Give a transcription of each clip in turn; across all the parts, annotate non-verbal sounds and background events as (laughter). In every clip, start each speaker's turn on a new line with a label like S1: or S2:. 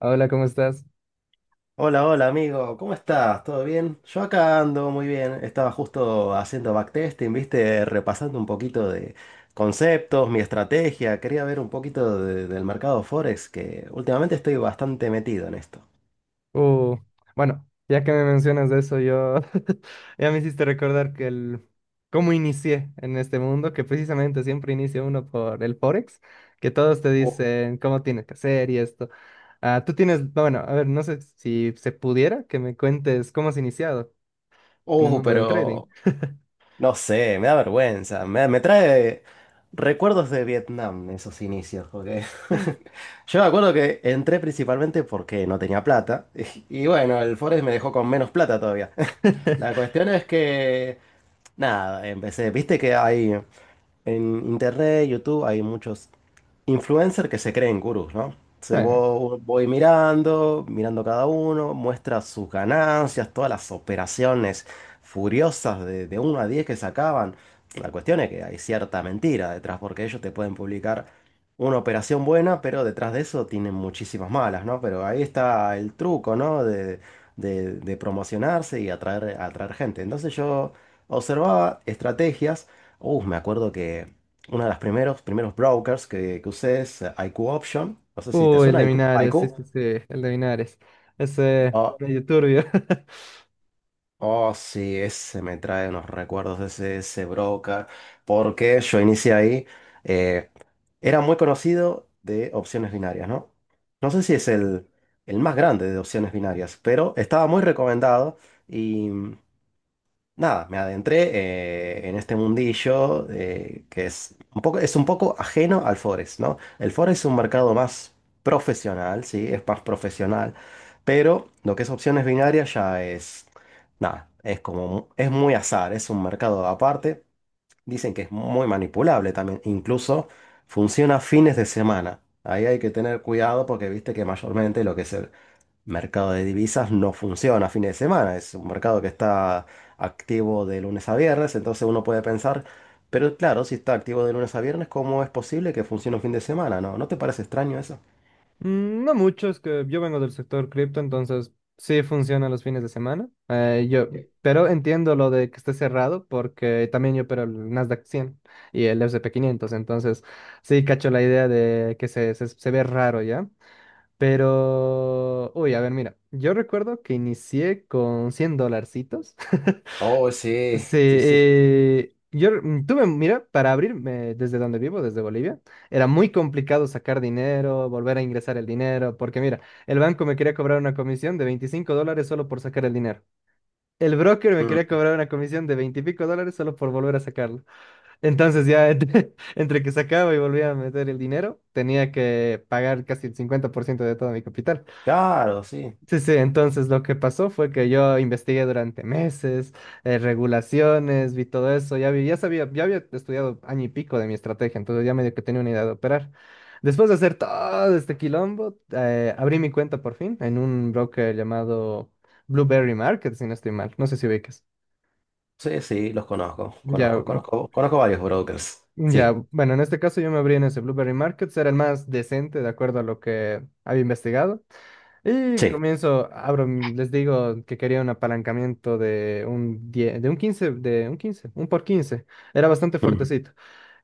S1: Hola, ¿cómo estás?
S2: Hola, hola amigo, ¿cómo estás? ¿Todo bien? Yo acá ando muy bien, estaba justo haciendo backtesting, viste, repasando un poquito de conceptos, mi estrategia, quería ver un poquito del mercado Forex, que últimamente estoy bastante metido en esto.
S1: Uh, bueno, ya que me mencionas de eso, yo (laughs) ya me hiciste recordar que el cómo inicié en este mundo, que precisamente siempre inicia uno por el Forex, que todos te
S2: Oh,
S1: dicen cómo tienes que hacer y esto. Ah, tú tienes, bueno, a ver, no sé si se pudiera que me cuentes cómo has iniciado en el
S2: oh,
S1: mundo del trading.
S2: pero no sé, me da vergüenza. Me trae recuerdos de Vietnam, esos inicios, porque (laughs) yo me acuerdo que entré principalmente porque no tenía plata. Y bueno, el Forex me dejó con menos plata todavía. (laughs) La
S1: (laughs)
S2: cuestión es que, nada, empecé, viste que hay. En internet, YouTube, hay muchos influencers que se creen gurús, ¿no?
S1: Bueno,
S2: Voy mirando, mirando cada uno, muestra sus ganancias, todas las operaciones furiosas de 1 a 10 que sacaban. La cuestión es que hay cierta mentira detrás, porque ellos te pueden publicar una operación buena, pero detrás de eso tienen muchísimas malas, ¿no? Pero ahí está el truco, ¿no? De promocionarse y atraer, atraer gente. Entonces yo observaba estrategias. Me acuerdo que uno de los primeros brokers que usé es IQ Option. No sé si te
S1: el
S2: suena
S1: de
S2: IQ.
S1: Minares, sí,
S2: IQ.
S1: sí, sí, el de Minares. Ese
S2: Oh,
S1: medio turbio. (laughs)
S2: oh, sí, ese me trae unos recuerdos de ese, ese broker. Porque yo inicié ahí. eh, Era muy conocido de opciones binarias, ¿no? No sé si es el más grande de opciones binarias, pero estaba muy recomendado. Y nada, me adentré en este mundillo que es un poco ajeno al Forex, ¿no? El Forex es un mercado más profesional, sí, es más profesional, pero lo que es opciones binarias ya es, nada, es como, es muy azar, es un mercado aparte. Dicen que es muy manipulable también, incluso funciona fines de semana. Ahí hay que tener cuidado porque viste que mayormente lo que es mercado de divisas no funciona a fin de semana, es un mercado que está activo de lunes a viernes, entonces uno puede pensar, pero claro, si está activo de lunes a viernes, ¿cómo es posible que funcione un fin de semana? ¿No? ¿No te parece extraño eso?
S1: Mm, no mucho, es que yo vengo del sector cripto, entonces sí funciona los fines de semana. Pero entiendo lo de que esté cerrado porque también yo opero el Nasdaq 100 y el S&P 500, entonces sí cacho la idea de que se ve raro ya. Pero, uy, a ver, mira, yo recuerdo que inicié con 100 dolarcitos. (laughs)
S2: Oh, sí,
S1: Sí,
S2: sí, sí.
S1: yo tuve, mira, para abrirme desde donde vivo, desde Bolivia, era muy complicado sacar dinero, volver a ingresar el dinero, porque mira, el banco me quería cobrar una comisión de $25 solo por sacar el dinero. El broker me
S2: Mm,
S1: quería cobrar una comisión de 20 y pico dólares solo por volver a sacarlo. Entonces ya entre, (laughs) entre que sacaba y volvía a meter el dinero, tenía que pagar casi el 50% de todo mi capital.
S2: claro, sí,
S1: Sí, sí, entonces lo que pasó fue que yo investigué durante meses, regulaciones, vi todo eso, ya sabía, ya había estudiado año y pico de mi estrategia, entonces ya medio que tenía una idea de operar. Después de hacer todo este quilombo, abrí mi cuenta por fin en un broker llamado Blueberry Market, si no estoy mal, no sé si ubicas.
S2: sí, sí, los conozco,
S1: Ya,
S2: conozco, conozco, conozco varios brokers,
S1: ya,
S2: sí,
S1: bueno, en este caso yo me abrí en ese Blueberry Markets, era el más decente de acuerdo a lo que había investigado. Y
S2: sí.
S1: comienzo, abro, les digo que quería un apalancamiento de un 10, de un quince un por 15. Era bastante
S2: Mm.
S1: fuertecito.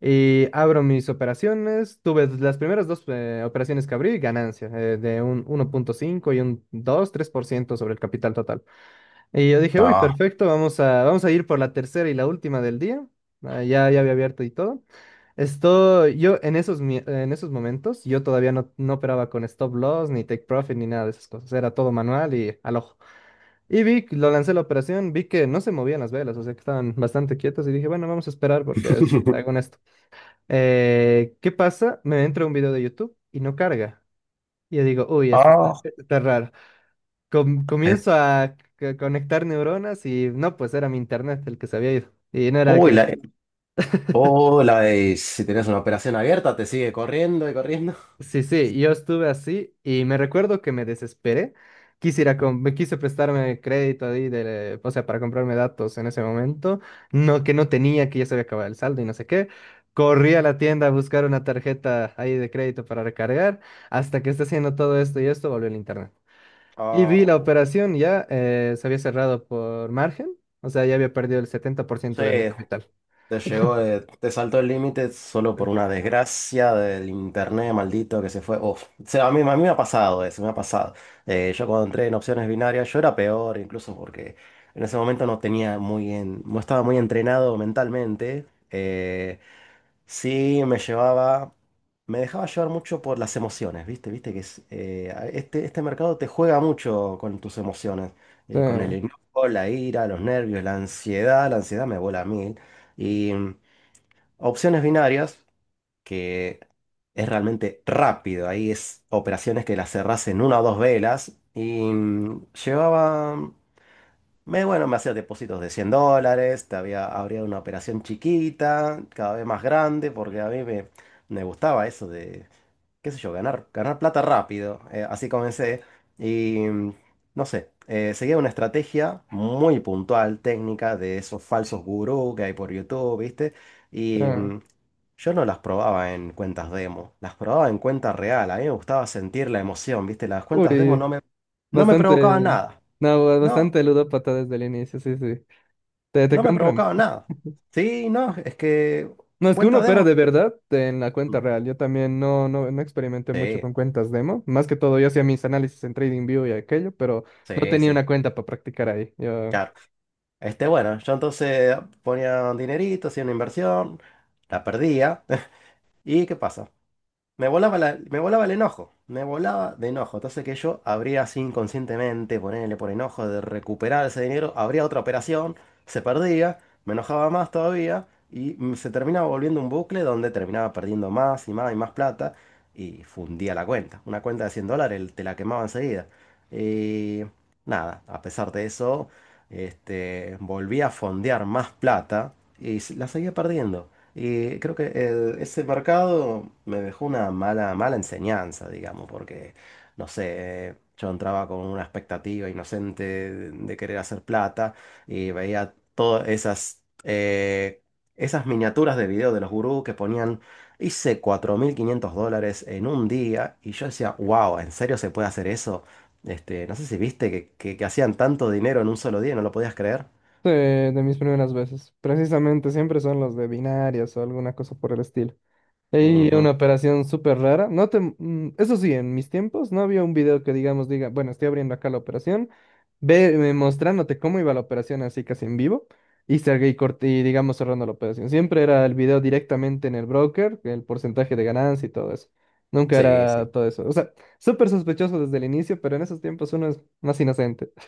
S1: Y abro mis operaciones. Tuve las primeras dos operaciones que abrí, ganancia, de un uno punto cinco y un dos tres por ciento sobre el capital total. Y yo dije, uy,
S2: Ah.
S1: perfecto, vamos a, vamos a ir por la tercera y la última del día. Ah, ya, ya había abierto y todo. Esto, yo en esos, en esos momentos, yo todavía no, no operaba con stop loss, ni take profit, ni nada de esas cosas. Era todo manual y al ojo. Y vi, que lo lancé la operación, vi que no se movían las velas, o sea que estaban bastante quietas y dije, bueno, vamos a esperar porque es, hago en
S2: (laughs)
S1: esto. ¿Qué pasa? Me entra un video de YouTube y no carga. Y yo digo, uy,
S2: Ah,
S1: esto está raro.
S2: eh,
S1: Comienzo a conectar neuronas y no, pues era mi internet el que se había ido. Y no era
S2: uy,
S1: que... (laughs)
S2: uy, si tienes una operación abierta, te sigue corriendo y corriendo.
S1: Sí, sí,
S2: (laughs)
S1: yo estuve así y me recuerdo que me desesperé. Quisiera,
S2: Mm.
S1: me quise prestarme crédito ahí, de, o sea, para comprarme datos en ese momento, no, que no tenía, que ya se había acabado el saldo y no sé qué. Corrí a la tienda a buscar una tarjeta ahí de crédito para recargar, hasta que está haciendo todo esto y esto, volvió el internet. Y vi la
S2: Oh,
S1: operación, ya se había cerrado por margen, o sea, ya había perdido el setenta por
S2: sí,
S1: ciento de mi capital.
S2: te llegó, te saltó el límite solo
S1: Sí,
S2: por una desgracia del internet maldito que se fue. Uf. O sea, a mí me ha pasado eso, me ha pasado. Yo cuando entré en opciones binarias, yo era peor, incluso porque en ese momento no tenía no estaba muy entrenado mentalmente. Sí, me llevaba, me dejaba llevar mucho por las emociones, ¿viste? Viste que es, este, este mercado te juega mucho con tus emociones,
S1: sí.
S2: con el enojo, la ira, los nervios, la ansiedad me vuela a mí. Y opciones binarias, que es realmente rápido. Ahí es operaciones que las cerrás en una o dos velas. Y llevaba, me, bueno, me hacía depósitos de $100. Te había, habría una operación chiquita, cada vez más grande, porque me gustaba eso qué sé yo, ganar, ganar plata rápido. Así comencé. Y no sé, seguía una estrategia muy puntual, técnica, de esos falsos gurú que hay por YouTube, ¿viste? Y
S1: Sí.
S2: yo no las probaba en cuentas demo, las probaba en cuenta real. A mí me gustaba sentir la emoción, ¿viste? Las cuentas demo
S1: Uy.
S2: no me
S1: Bastante,
S2: provocaban nada.
S1: no,
S2: No,
S1: bastante ludópata desde el inicio, sí, sí. Te
S2: no me
S1: compran.
S2: provocaban nada. Sí, no, es que
S1: No, es que uno
S2: cuenta
S1: opera
S2: demo.
S1: de verdad en la
S2: Mm,
S1: cuenta real. Yo también no, no, no experimenté mucho
S2: sí,
S1: con cuentas demo. Más que todo, yo hacía mis análisis en TradingView y aquello, pero no
S2: sí,
S1: tenía
S2: sí.
S1: una cuenta para practicar ahí. Yo,
S2: Claro. Este, bueno, yo entonces ponía un dinerito, hacía una inversión, la perdía. (laughs) ¿Y qué pasa? Me volaba, me volaba el enojo, me volaba de enojo. Entonces que yo habría así inconscientemente, ponerle por enojo de recuperar ese dinero, habría otra operación, se perdía, me enojaba más todavía y se terminaba volviendo un bucle donde terminaba perdiendo más y más y más plata y fundía la cuenta. Una cuenta de $100 te la quemaba enseguida. Y nada, a pesar de eso, este, volví a fondear más plata y la seguía perdiendo. Y creo que ese mercado me dejó una mala, mala enseñanza, digamos, porque, no sé, yo entraba con una expectativa inocente de querer hacer plata y veía todas esas, esas miniaturas de video de los gurús que ponían, hice $4.500 en un día y yo decía, wow, ¿en serio se puede hacer eso? Este, no sé si viste que, que hacían tanto dinero en un solo día, ¿no lo podías creer?
S1: de mis primeras veces. Precisamente siempre son los de binarias o alguna cosa por el estilo. Y una
S2: Ujú.
S1: operación súper rara. No te, eso sí, en mis tiempos no había un video que digamos diga, bueno, estoy abriendo acá la operación, ve mostrándote cómo iba la operación así casi en vivo y cerré y Corti, y digamos cerrando la operación. Siempre era el video directamente en el broker, el porcentaje de ganancia y todo eso. Nunca
S2: Sí,
S1: era
S2: sí.
S1: todo eso. O sea, súper sospechoso desde el inicio, pero en esos tiempos uno es más inocente. (laughs)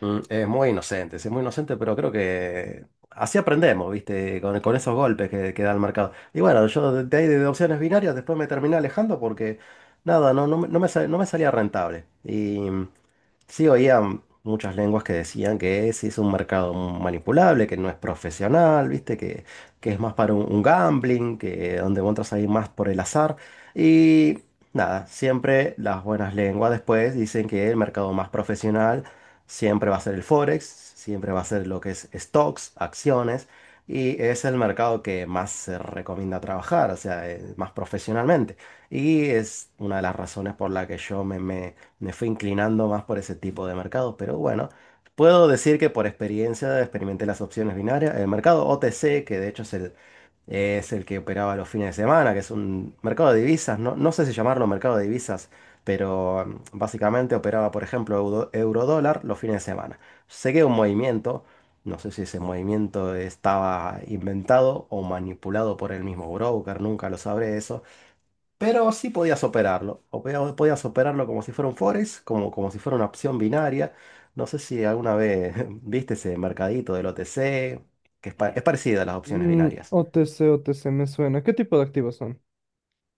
S2: Mm, es muy inocente, sí, es muy inocente, pero creo que así aprendemos, ¿viste? Con esos golpes que da el mercado. Y bueno, yo de ahí de opciones binarias después me terminé alejando porque nada, no, no, no me salía rentable. Y sí, oía muchas lenguas que decían que ese es un mercado manipulable, que no es profesional, ¿viste? Que es más para un gambling, que donde vos entras ahí más por el azar. Y nada, siempre las buenas lenguas después dicen que el mercado más profesional siempre va a ser el Forex, siempre va a ser lo que es stocks, acciones, y es el mercado que más se recomienda trabajar, o sea, más profesionalmente. Y es una de las razones por la que yo me fui inclinando más por ese tipo de mercado, pero bueno, puedo decir que por experiencia experimenté las opciones binarias, el mercado OTC, que de hecho es el que operaba los fines de semana, que es un mercado de divisas, no, no sé si llamarlo mercado de divisas, pero básicamente operaba, por ejemplo, euro, eurodólar los fines de semana. Seguí un movimiento, no sé si ese movimiento estaba inventado o manipulado por el mismo broker, nunca lo sabré eso, pero sí podías operarlo, o podías operarlo como si fuera un forex, como, como si fuera una opción binaria. No sé si alguna vez (laughs) viste ese mercadito del OTC, que es, es parecida a las opciones binarias.
S1: OTC, OTC me suena. ¿Qué tipo de activos son?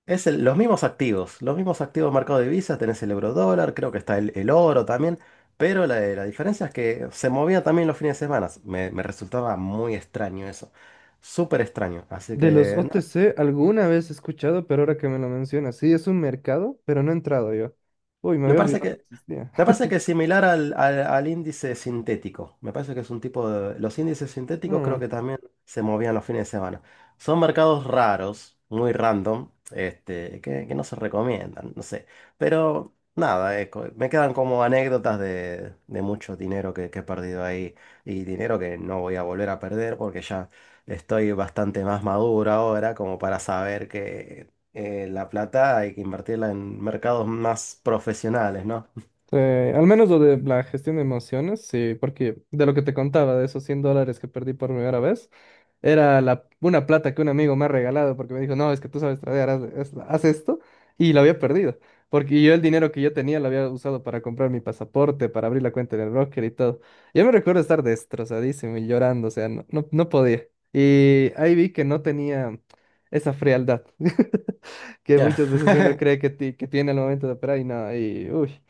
S2: Es los mismos activos mercado de divisas, tenés el euro dólar, creo que está el oro también, pero la diferencia es que se movía también los fines de semana. Me resultaba muy extraño eso, súper extraño. Así
S1: De los
S2: que no,
S1: OTC alguna vez he escuchado, pero ahora que me lo mencionas, sí, es un mercado, pero no he entrado yo. Uy, me
S2: me
S1: había
S2: parece
S1: olvidado que
S2: que...
S1: existía.
S2: me parece que es similar al índice sintético. Me parece que es un tipo de... Los índices sintéticos
S1: Mm,
S2: creo que también se movían los fines de semana. Son mercados raros, muy random, este, que no se recomiendan, no sé. Pero nada, me quedan como anécdotas de mucho dinero que he perdido ahí y dinero que no voy a volver a perder porque ya estoy bastante más maduro ahora como para saber que la plata hay que invertirla en mercados más profesionales, ¿no?
S1: al menos lo de la gestión de emociones, sí, porque de lo que te contaba, de esos $100 que perdí por primera vez, era la, una plata que un amigo me ha regalado porque me dijo, no, es que tú sabes tradear, haz, haz esto. Y la había perdido. Porque yo el dinero que yo tenía lo había usado para comprar mi pasaporte, para abrir la cuenta en el broker y todo. Yo me recuerdo estar destrozadísimo y llorando, o sea, no, no, no podía. Y ahí vi que no tenía esa frialdad (laughs) que
S2: Ya.
S1: muchas veces uno cree
S2: (laughs)
S1: que, que tiene al momento de operar y no, y uy.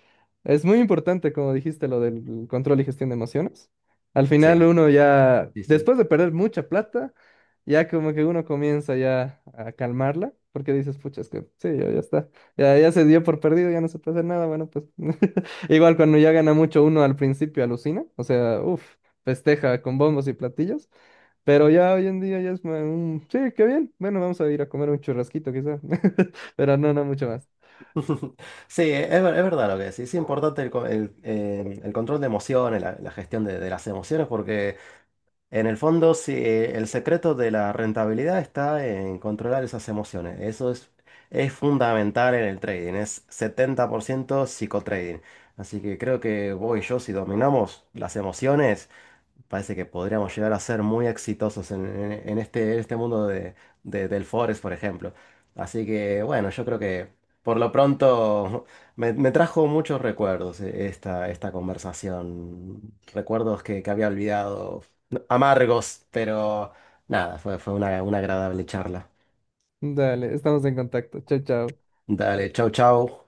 S1: Es muy importante, como dijiste, lo del control y gestión de emociones. Al final
S2: Sí,
S1: uno ya,
S2: sí, sí.
S1: después de perder mucha plata, ya como que uno comienza ya a calmarla, porque dices, pucha, es que sí, ya, ya está, ya, ya se dio por perdido, ya no se puede hacer nada, bueno, pues (laughs) igual cuando ya gana mucho uno al principio alucina, o sea, uff, festeja con bombos y platillos, pero ya hoy en día ya es, un, sí, qué bien, bueno, vamos a ir a comer un churrasquito quizá, (laughs) pero no, no mucho más.
S2: (laughs) Sí, es, es verdad lo que decís. Es importante el control de emociones, la gestión de las emociones, porque en el fondo sí, el secreto de la rentabilidad está en controlar esas emociones. Eso es fundamental en el trading. Es 70% psicotrading. Así que creo que vos y yo, si dominamos las emociones, parece que podríamos llegar a ser muy exitosos en, en este mundo de, del Forest, por ejemplo. Así que bueno, yo creo que por lo pronto (laughs) me trajo muchos recuerdos esta, esta conversación. Recuerdos que había olvidado, no, amargos, pero nada, fue, fue una agradable charla.
S1: Dale, estamos en contacto, chao, chao.
S2: Dale, chau, chau.